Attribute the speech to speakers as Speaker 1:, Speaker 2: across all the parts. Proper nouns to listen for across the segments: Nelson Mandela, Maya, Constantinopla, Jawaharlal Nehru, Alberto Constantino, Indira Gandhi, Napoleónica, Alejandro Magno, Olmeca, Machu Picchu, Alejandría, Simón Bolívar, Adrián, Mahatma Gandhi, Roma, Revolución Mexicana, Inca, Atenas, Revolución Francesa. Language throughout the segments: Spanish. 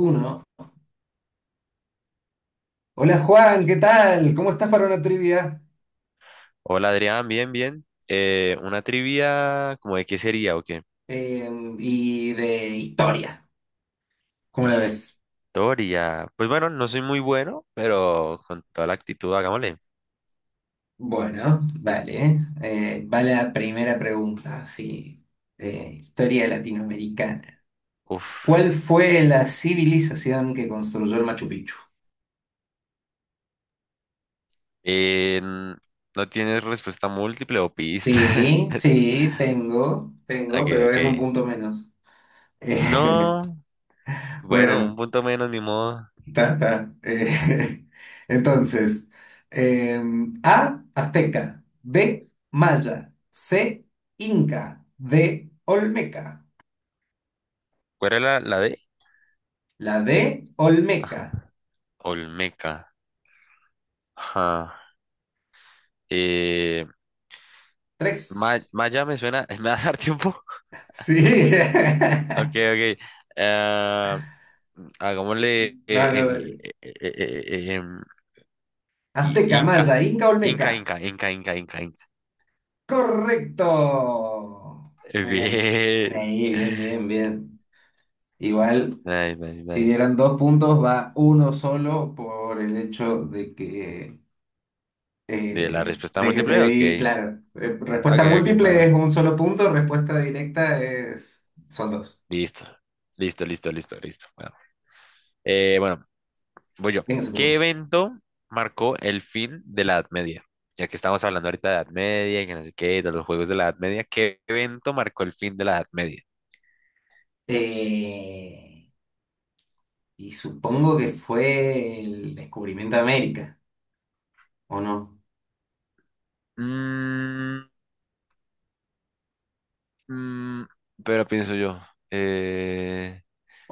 Speaker 1: Uno. Hola Juan, ¿qué tal? ¿Cómo estás para una trivia?
Speaker 2: Hola Adrián, bien, bien. Una trivia, ¿como de qué sería o qué?
Speaker 1: Eh, y de historia, ¿cómo la
Speaker 2: Historia.
Speaker 1: ves?
Speaker 2: Pues bueno, no soy muy bueno, pero con toda la actitud, hagámosle.
Speaker 1: Bueno, vale. Va la primera pregunta, sí, de historia latinoamericana.
Speaker 2: Uf.
Speaker 1: ¿Cuál fue la civilización que construyó el Machu Picchu?
Speaker 2: Eh, n- ¿No tienes respuesta múltiple o
Speaker 1: Sí,
Speaker 2: pistas?
Speaker 1: sí, tengo,
Speaker 2: Ok,
Speaker 1: tengo, pero
Speaker 2: ok.
Speaker 1: es un punto menos. Eh,
Speaker 2: No, bueno, un
Speaker 1: bueno,
Speaker 2: punto menos, ni modo.
Speaker 1: ta, ta. Entonces, A, azteca, B, maya, C, inca, D, olmeca.
Speaker 2: ¿Cuál era la D?
Speaker 1: La D, olmeca.
Speaker 2: Ajá. Olmeca. Ajá. Eh, Ma-
Speaker 1: Tres.
Speaker 2: Maya me suena. ¿Me vas a dar tiempo?
Speaker 1: Sí.
Speaker 2: Ok, ok. Ah, Hagámosle
Speaker 1: No, no, dale.
Speaker 2: em, i-
Speaker 1: Azteca,
Speaker 2: Inca.
Speaker 1: maya, inca, olmeca.
Speaker 2: Inca, Inca, Inca, Inca, Inca, Inca.
Speaker 1: Correcto. Muy bien. Bien
Speaker 2: Bien.
Speaker 1: ahí, bien, bien, bien. Igual,
Speaker 2: Nice, nice,
Speaker 1: si
Speaker 2: nice.
Speaker 1: dieran dos puntos, va uno solo por el hecho
Speaker 2: ¿De la respuesta
Speaker 1: de que te
Speaker 2: múltiple? Ok.
Speaker 1: di, claro,
Speaker 2: Ok,
Speaker 1: respuesta
Speaker 2: ok,
Speaker 1: múltiple es
Speaker 2: bueno.
Speaker 1: un solo punto, respuesta directa es, son dos.
Speaker 2: Listo. Listo, listo, listo, listo. Bueno, Eh, bueno, voy yo.
Speaker 1: Venga, se
Speaker 2: ¿Qué
Speaker 1: pregunta.
Speaker 2: evento marcó el fin de la Edad Media? Ya que estamos hablando ahorita de Edad Media y que no sé qué, de los juegos de la Edad Media, ¿qué evento marcó el fin de la Edad Media?
Speaker 1: Eh, y supongo que fue el descubrimiento de América, ¿o no?
Speaker 2: Mm, Mm, pero pienso yo, eh,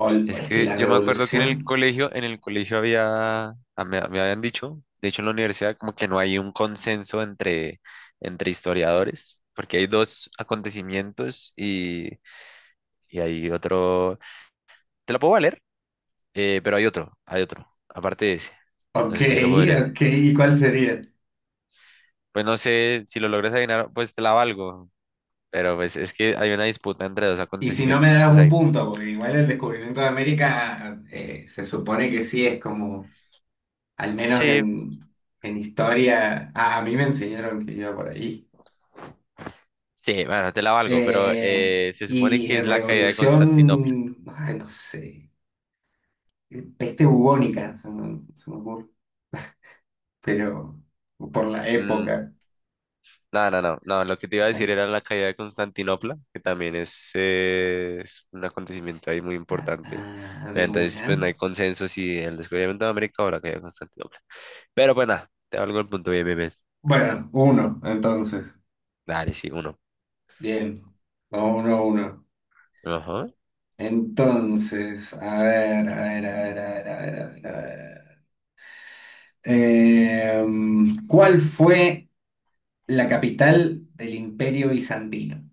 Speaker 1: O
Speaker 2: es
Speaker 1: es que
Speaker 2: que
Speaker 1: la
Speaker 2: yo me acuerdo que en el
Speaker 1: revolución.
Speaker 2: colegio, en el colegio había, ah, me habían dicho, de hecho en la universidad como que no hay un consenso entre, entre historiadores, porque hay dos acontecimientos y hay otro, te lo puedo valer, pero hay otro, aparte de ese, no
Speaker 1: Ok,
Speaker 2: sé si lo podrías,
Speaker 1: ok, ¿y cuál sería?
Speaker 2: pues no sé si lo logras adivinar, pues te la valgo, pero pues es que hay una disputa entre dos
Speaker 1: Y si no
Speaker 2: acontecimientos
Speaker 1: me das un
Speaker 2: ahí.
Speaker 1: punto, porque igual el descubrimiento de América, se supone que sí es como, al menos
Speaker 2: Sí,
Speaker 1: en historia, a mí me enseñaron que iba por ahí.
Speaker 2: sí, bueno, te la valgo, pero
Speaker 1: Eh,
Speaker 2: se supone
Speaker 1: y
Speaker 2: que es la caída de Constantinopla.
Speaker 1: revolución, ay, no sé, peste bubónica, se me ocurre, pero por la
Speaker 2: Mm,
Speaker 1: época.
Speaker 2: no, no, no, no, lo que te iba a decir era la caída de Constantinopla, que también es un acontecimiento ahí muy importante.
Speaker 1: Ah,
Speaker 2: Pero
Speaker 1: de
Speaker 2: entonces, pues no hay
Speaker 1: una.
Speaker 2: consenso si el descubrimiento de América o la caída de Constantinopla. Pero bueno, te valgo el punto, bien, bien, bien.
Speaker 1: Bueno, uno, entonces.
Speaker 2: Dale, sí, uno.
Speaker 1: Bien, vamos uno a uno.
Speaker 2: Ajá.
Speaker 1: Entonces, a ver, a ver, a ver, a ver, a ver, a ver. A ver. ¿Cuál fue la capital del Imperio Bizantino?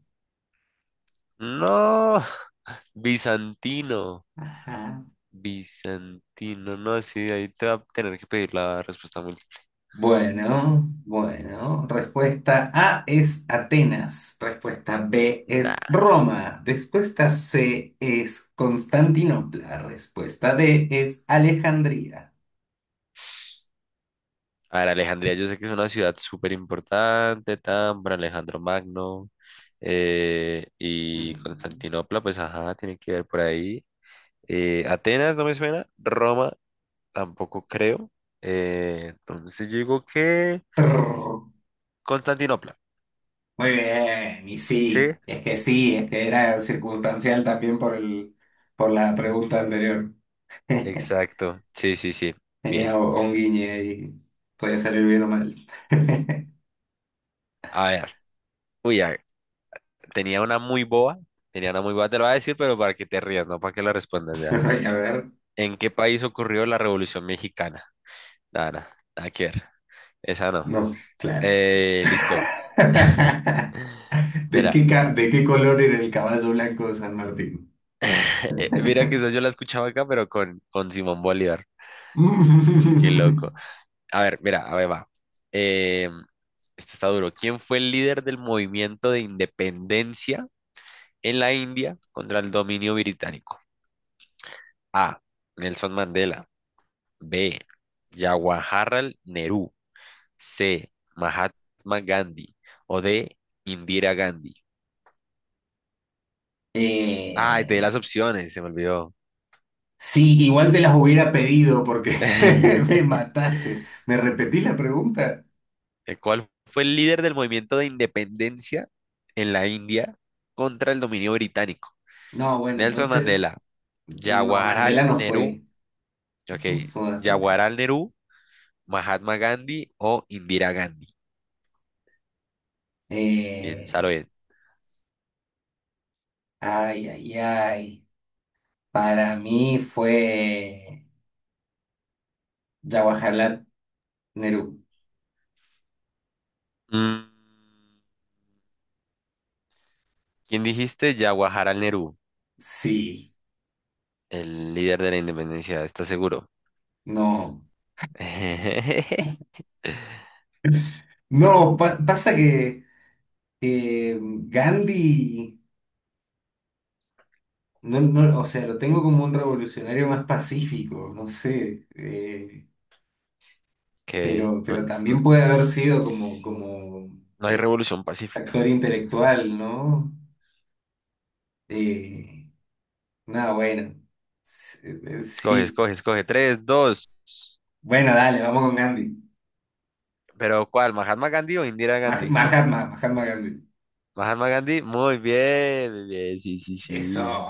Speaker 2: No, bizantino,
Speaker 1: Ajá.
Speaker 2: bizantino, no, sí, ahí te va a tener que pedir la respuesta múltiple.
Speaker 1: Bueno, bueno. Respuesta A es Atenas. Respuesta B es
Speaker 2: Nah.
Speaker 1: Roma. Respuesta C es Constantinopla. Respuesta D es Alejandría.
Speaker 2: A ver, Alejandría, yo sé que es una ciudad súper importante, Tambor, Alejandro Magno, y
Speaker 1: Mm,
Speaker 2: Constantinopla, pues ajá, tiene que ver por ahí. Atenas no me suena, Roma tampoco creo. Entonces yo digo que
Speaker 1: prr.
Speaker 2: Constantinopla.
Speaker 1: Muy bien, y
Speaker 2: Sí.
Speaker 1: sí, es que era circunstancial también por la pregunta anterior.
Speaker 2: Exacto, sí, sí, sí. Bien.
Speaker 1: Tenía un guiño y podía salir bien o mal.
Speaker 2: A ver, uy, a ver, tenía una muy boba, tenía una muy boba, te lo voy a decir, pero para que te rías, no para que la respondas ya.
Speaker 1: A ver,
Speaker 2: ¿En qué país ocurrió la Revolución Mexicana? Nada, nada, nada que ver. Esa no.
Speaker 1: no, claro.
Speaker 2: Listo.
Speaker 1: ¿De
Speaker 2: Mira,
Speaker 1: qué, ca- de qué color era el caballo blanco de San Martín?
Speaker 2: mira que eso yo la escuchaba acá, pero con Simón Bolívar. Qué loco. A ver, mira, a ver, va. Eh, este está duro. ¿Quién fue el líder del movimiento de independencia en la India contra el dominio británico? A. Nelson Mandela. B. Jawaharlal Nehru. C. Mahatma Gandhi. O D. Indira Gandhi. Ay, te di las
Speaker 1: Eh,
Speaker 2: opciones, se me olvidó.
Speaker 1: sí, igual te las hubiera pedido porque me mataste. ¿Me repetís la pregunta?
Speaker 2: El cual fue el líder del movimiento de independencia en la India contra el dominio británico.
Speaker 1: No, bueno,
Speaker 2: Nelson
Speaker 1: entonces,
Speaker 2: Mandela,
Speaker 1: no,
Speaker 2: Jawaharlal
Speaker 1: Mandela no
Speaker 2: Nehru,
Speaker 1: fue
Speaker 2: ok,
Speaker 1: Sudáfrica.
Speaker 2: Jawaharlal Nehru, Mahatma Gandhi o Indira Gandhi. Piénsalo
Speaker 1: Eh,
Speaker 2: bien.
Speaker 1: Ay, ay, ay. Para mí fue Jawaharlal Nehru.
Speaker 2: Mm, ¿quién dijiste? Jawaharlal Nehru,
Speaker 1: Sí,
Speaker 2: el líder de la independencia, ¿estás seguro?
Speaker 1: no. No, pasa que eh, Gandhi. No, no, o sea, lo tengo como un revolucionario más pacífico, no sé, eh,
Speaker 2: Ok,
Speaker 1: pero, pero también puede haber sido como
Speaker 2: no hay revolución pacífica.
Speaker 1: actor intelectual, ¿no? Eh, Nada, bueno,
Speaker 2: Escoge,
Speaker 1: sí,
Speaker 2: escoge, escoge. Tres, dos.
Speaker 1: bueno, dale, vamos con Gandhi.
Speaker 2: Pero ¿cuál? ¿Mahatma Gandhi o Indira
Speaker 1: Mah-
Speaker 2: Gandhi?
Speaker 1: Mahatma, Mahatma Gandhi.
Speaker 2: Mahatma Gandhi, muy bien, sí, sí,
Speaker 1: Eso.
Speaker 2: sí.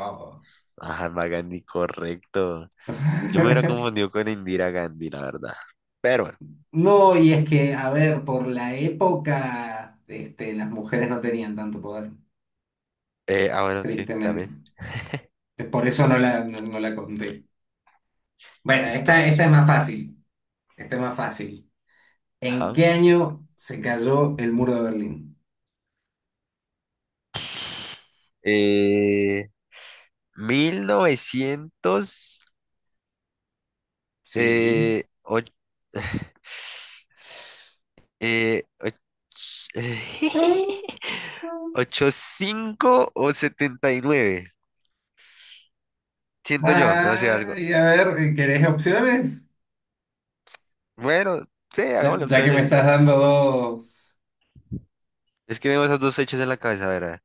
Speaker 2: Mahatma Gandhi, correcto. Yo me hubiera confundido con Indira Gandhi, la verdad. Pero bueno,
Speaker 1: No, y es que, a ver, por la época, este, las mujeres no tenían tanto poder,
Speaker 2: bueno, sí,
Speaker 1: tristemente.
Speaker 2: también.
Speaker 1: Por eso no la conté. Bueno, esta
Speaker 2: Listos.
Speaker 1: es más fácil. Esta es más fácil. ¿En
Speaker 2: Ajá.
Speaker 1: qué año se cayó el muro de Berlín?
Speaker 2: Eh, 1900
Speaker 1: Sí.
Speaker 2: eh, och- eh, och- 85 o 79. Siento yo, no sé, algo.
Speaker 1: Ay, a ver, ¿querés opciones?
Speaker 2: Bueno, sí,
Speaker 1: Ya,
Speaker 2: hagámosle
Speaker 1: ya que me
Speaker 2: opciones.
Speaker 1: estás dando dos.
Speaker 2: Es que tengo esas dos fechas en la cabeza, a ver. A ver.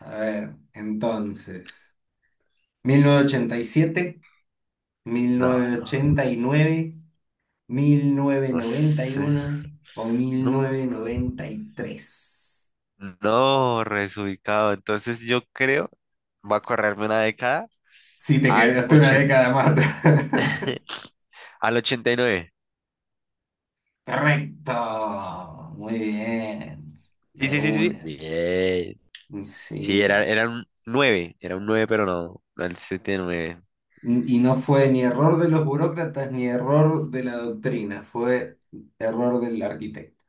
Speaker 1: A ver, entonces. Mil novecientos
Speaker 2: No, no,
Speaker 1: novecientos ochenta y siete, nueve, mil
Speaker 2: no
Speaker 1: novecientos noventa y
Speaker 2: sé.
Speaker 1: uno o mil
Speaker 2: No,
Speaker 1: novecientos noventa y tres.
Speaker 2: no, resubicado. Entonces yo creo, va a correrme una década
Speaker 1: Sí, te
Speaker 2: al
Speaker 1: quedaste una
Speaker 2: 80
Speaker 1: década más atrás.
Speaker 2: al 89.
Speaker 1: Correcto, muy bien,
Speaker 2: Sí,
Speaker 1: de
Speaker 2: sí, sí, sí, sí.
Speaker 1: una.
Speaker 2: Bien.
Speaker 1: Mm,
Speaker 2: Sí,
Speaker 1: sí.
Speaker 2: era un nueve, era un nueve, pero no, no el 79.
Speaker 1: Mm. Y no fue ni error de los burócratas ni error de la doctrina, fue error del arquitecto.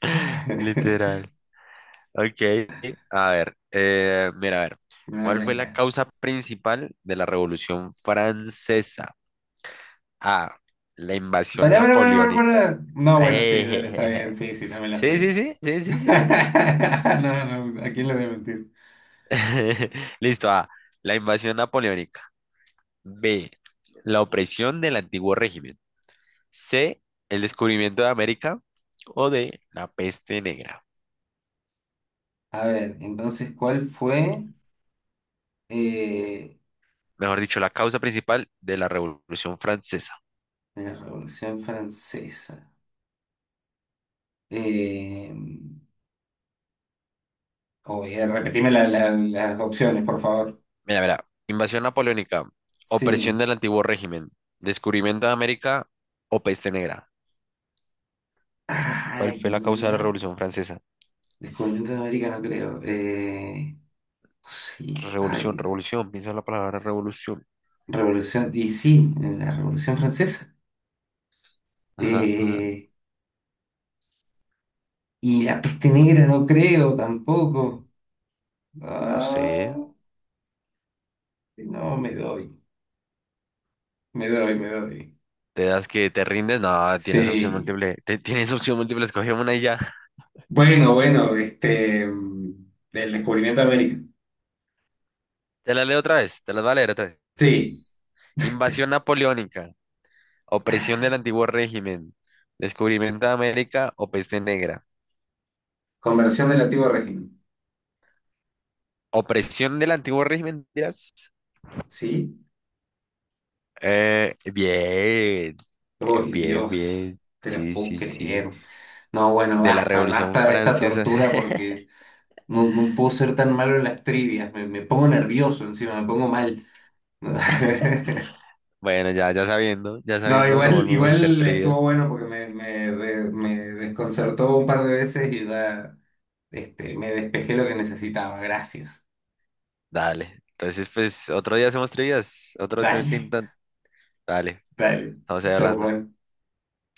Speaker 2: Literal. Ok, a ver, mira, a ver.
Speaker 1: Me
Speaker 2: ¿Cuál fue la
Speaker 1: venga.
Speaker 2: causa principal de la Revolución Francesa? A. La invasión
Speaker 1: Pará, pará, pará, pará,
Speaker 2: napoleónica.
Speaker 1: pará. No, bueno, sí, dale, está bien,
Speaker 2: Ejejeje.
Speaker 1: sí, sí, no la
Speaker 2: Sí, sí,
Speaker 1: sé.
Speaker 2: sí, sí, sí, sí.
Speaker 1: No, no, ¿a quién le voy a mentir?
Speaker 2: Listo. A. La invasión napoleónica. B. La opresión del antiguo régimen. C. El descubrimiento de América. O D. La peste negra.
Speaker 1: A ver, entonces, ¿cuál fue eh,
Speaker 2: Mejor dicho, la causa principal de la Revolución Francesa.
Speaker 1: la Revolución Francesa? Eh, Uy, repetime las opciones, por favor.
Speaker 2: Mira, mira. Invasión napoleónica. Opresión
Speaker 1: Sí.
Speaker 2: del antiguo régimen. Descubrimiento de América o peste negra. ¿Cuál
Speaker 1: Ay,
Speaker 2: fue la causa de la
Speaker 1: ¿verdad?
Speaker 2: Revolución Francesa?
Speaker 1: Descubrimiento de América no creo. Sí, ay,
Speaker 2: Revolución,
Speaker 1: Dios.
Speaker 2: revolución, piensa en la palabra revolución.
Speaker 1: Revolución, y sí, la Revolución Francesa.
Speaker 2: Ajá, ajá,
Speaker 1: Eh, y la peste negra no creo tampoco.
Speaker 2: no
Speaker 1: Ah,
Speaker 2: sé.
Speaker 1: no, me doy, me doy, me doy.
Speaker 2: ¿Te das que te rindes? No, tienes opción
Speaker 1: Sí.
Speaker 2: múltiple. Tienes opción múltiple, escogí una y ya.
Speaker 1: Bueno, bueno, este, del descubrimiento de América.
Speaker 2: Te la leo otra vez, te las voy a leer otra
Speaker 1: Sí,
Speaker 2: vez. Invasión napoleónica, opresión del antiguo régimen, descubrimiento de América o peste negra.
Speaker 1: conversión del antiguo régimen.
Speaker 2: Opresión del antiguo régimen, dirás.
Speaker 1: Sí.
Speaker 2: Bien,
Speaker 1: Uy,
Speaker 2: bien,
Speaker 1: Dios,
Speaker 2: bien.
Speaker 1: te lo
Speaker 2: Sí,
Speaker 1: puedo
Speaker 2: sí, sí.
Speaker 1: creer. No, bueno,
Speaker 2: De la
Speaker 1: basta,
Speaker 2: Revolución
Speaker 1: basta de esta
Speaker 2: Francesa.
Speaker 1: tortura porque no, no puedo ser tan malo en las trivias. Me pongo nervioso encima, me pongo mal.
Speaker 2: Bueno, ya ya
Speaker 1: No,
Speaker 2: sabiendo, no
Speaker 1: igual,
Speaker 2: volvemos a hacer
Speaker 1: igual estuvo
Speaker 2: trivias.
Speaker 1: bueno porque me desconcertó un par de veces y ya este, me despejé lo que necesitaba. Gracias.
Speaker 2: Dale. Entonces, pues, otro día hacemos trivias, otro, otro
Speaker 1: Dale,
Speaker 2: intento. Dale,
Speaker 1: dale.
Speaker 2: estamos ahí
Speaker 1: Chau,
Speaker 2: hablando.
Speaker 1: Juan.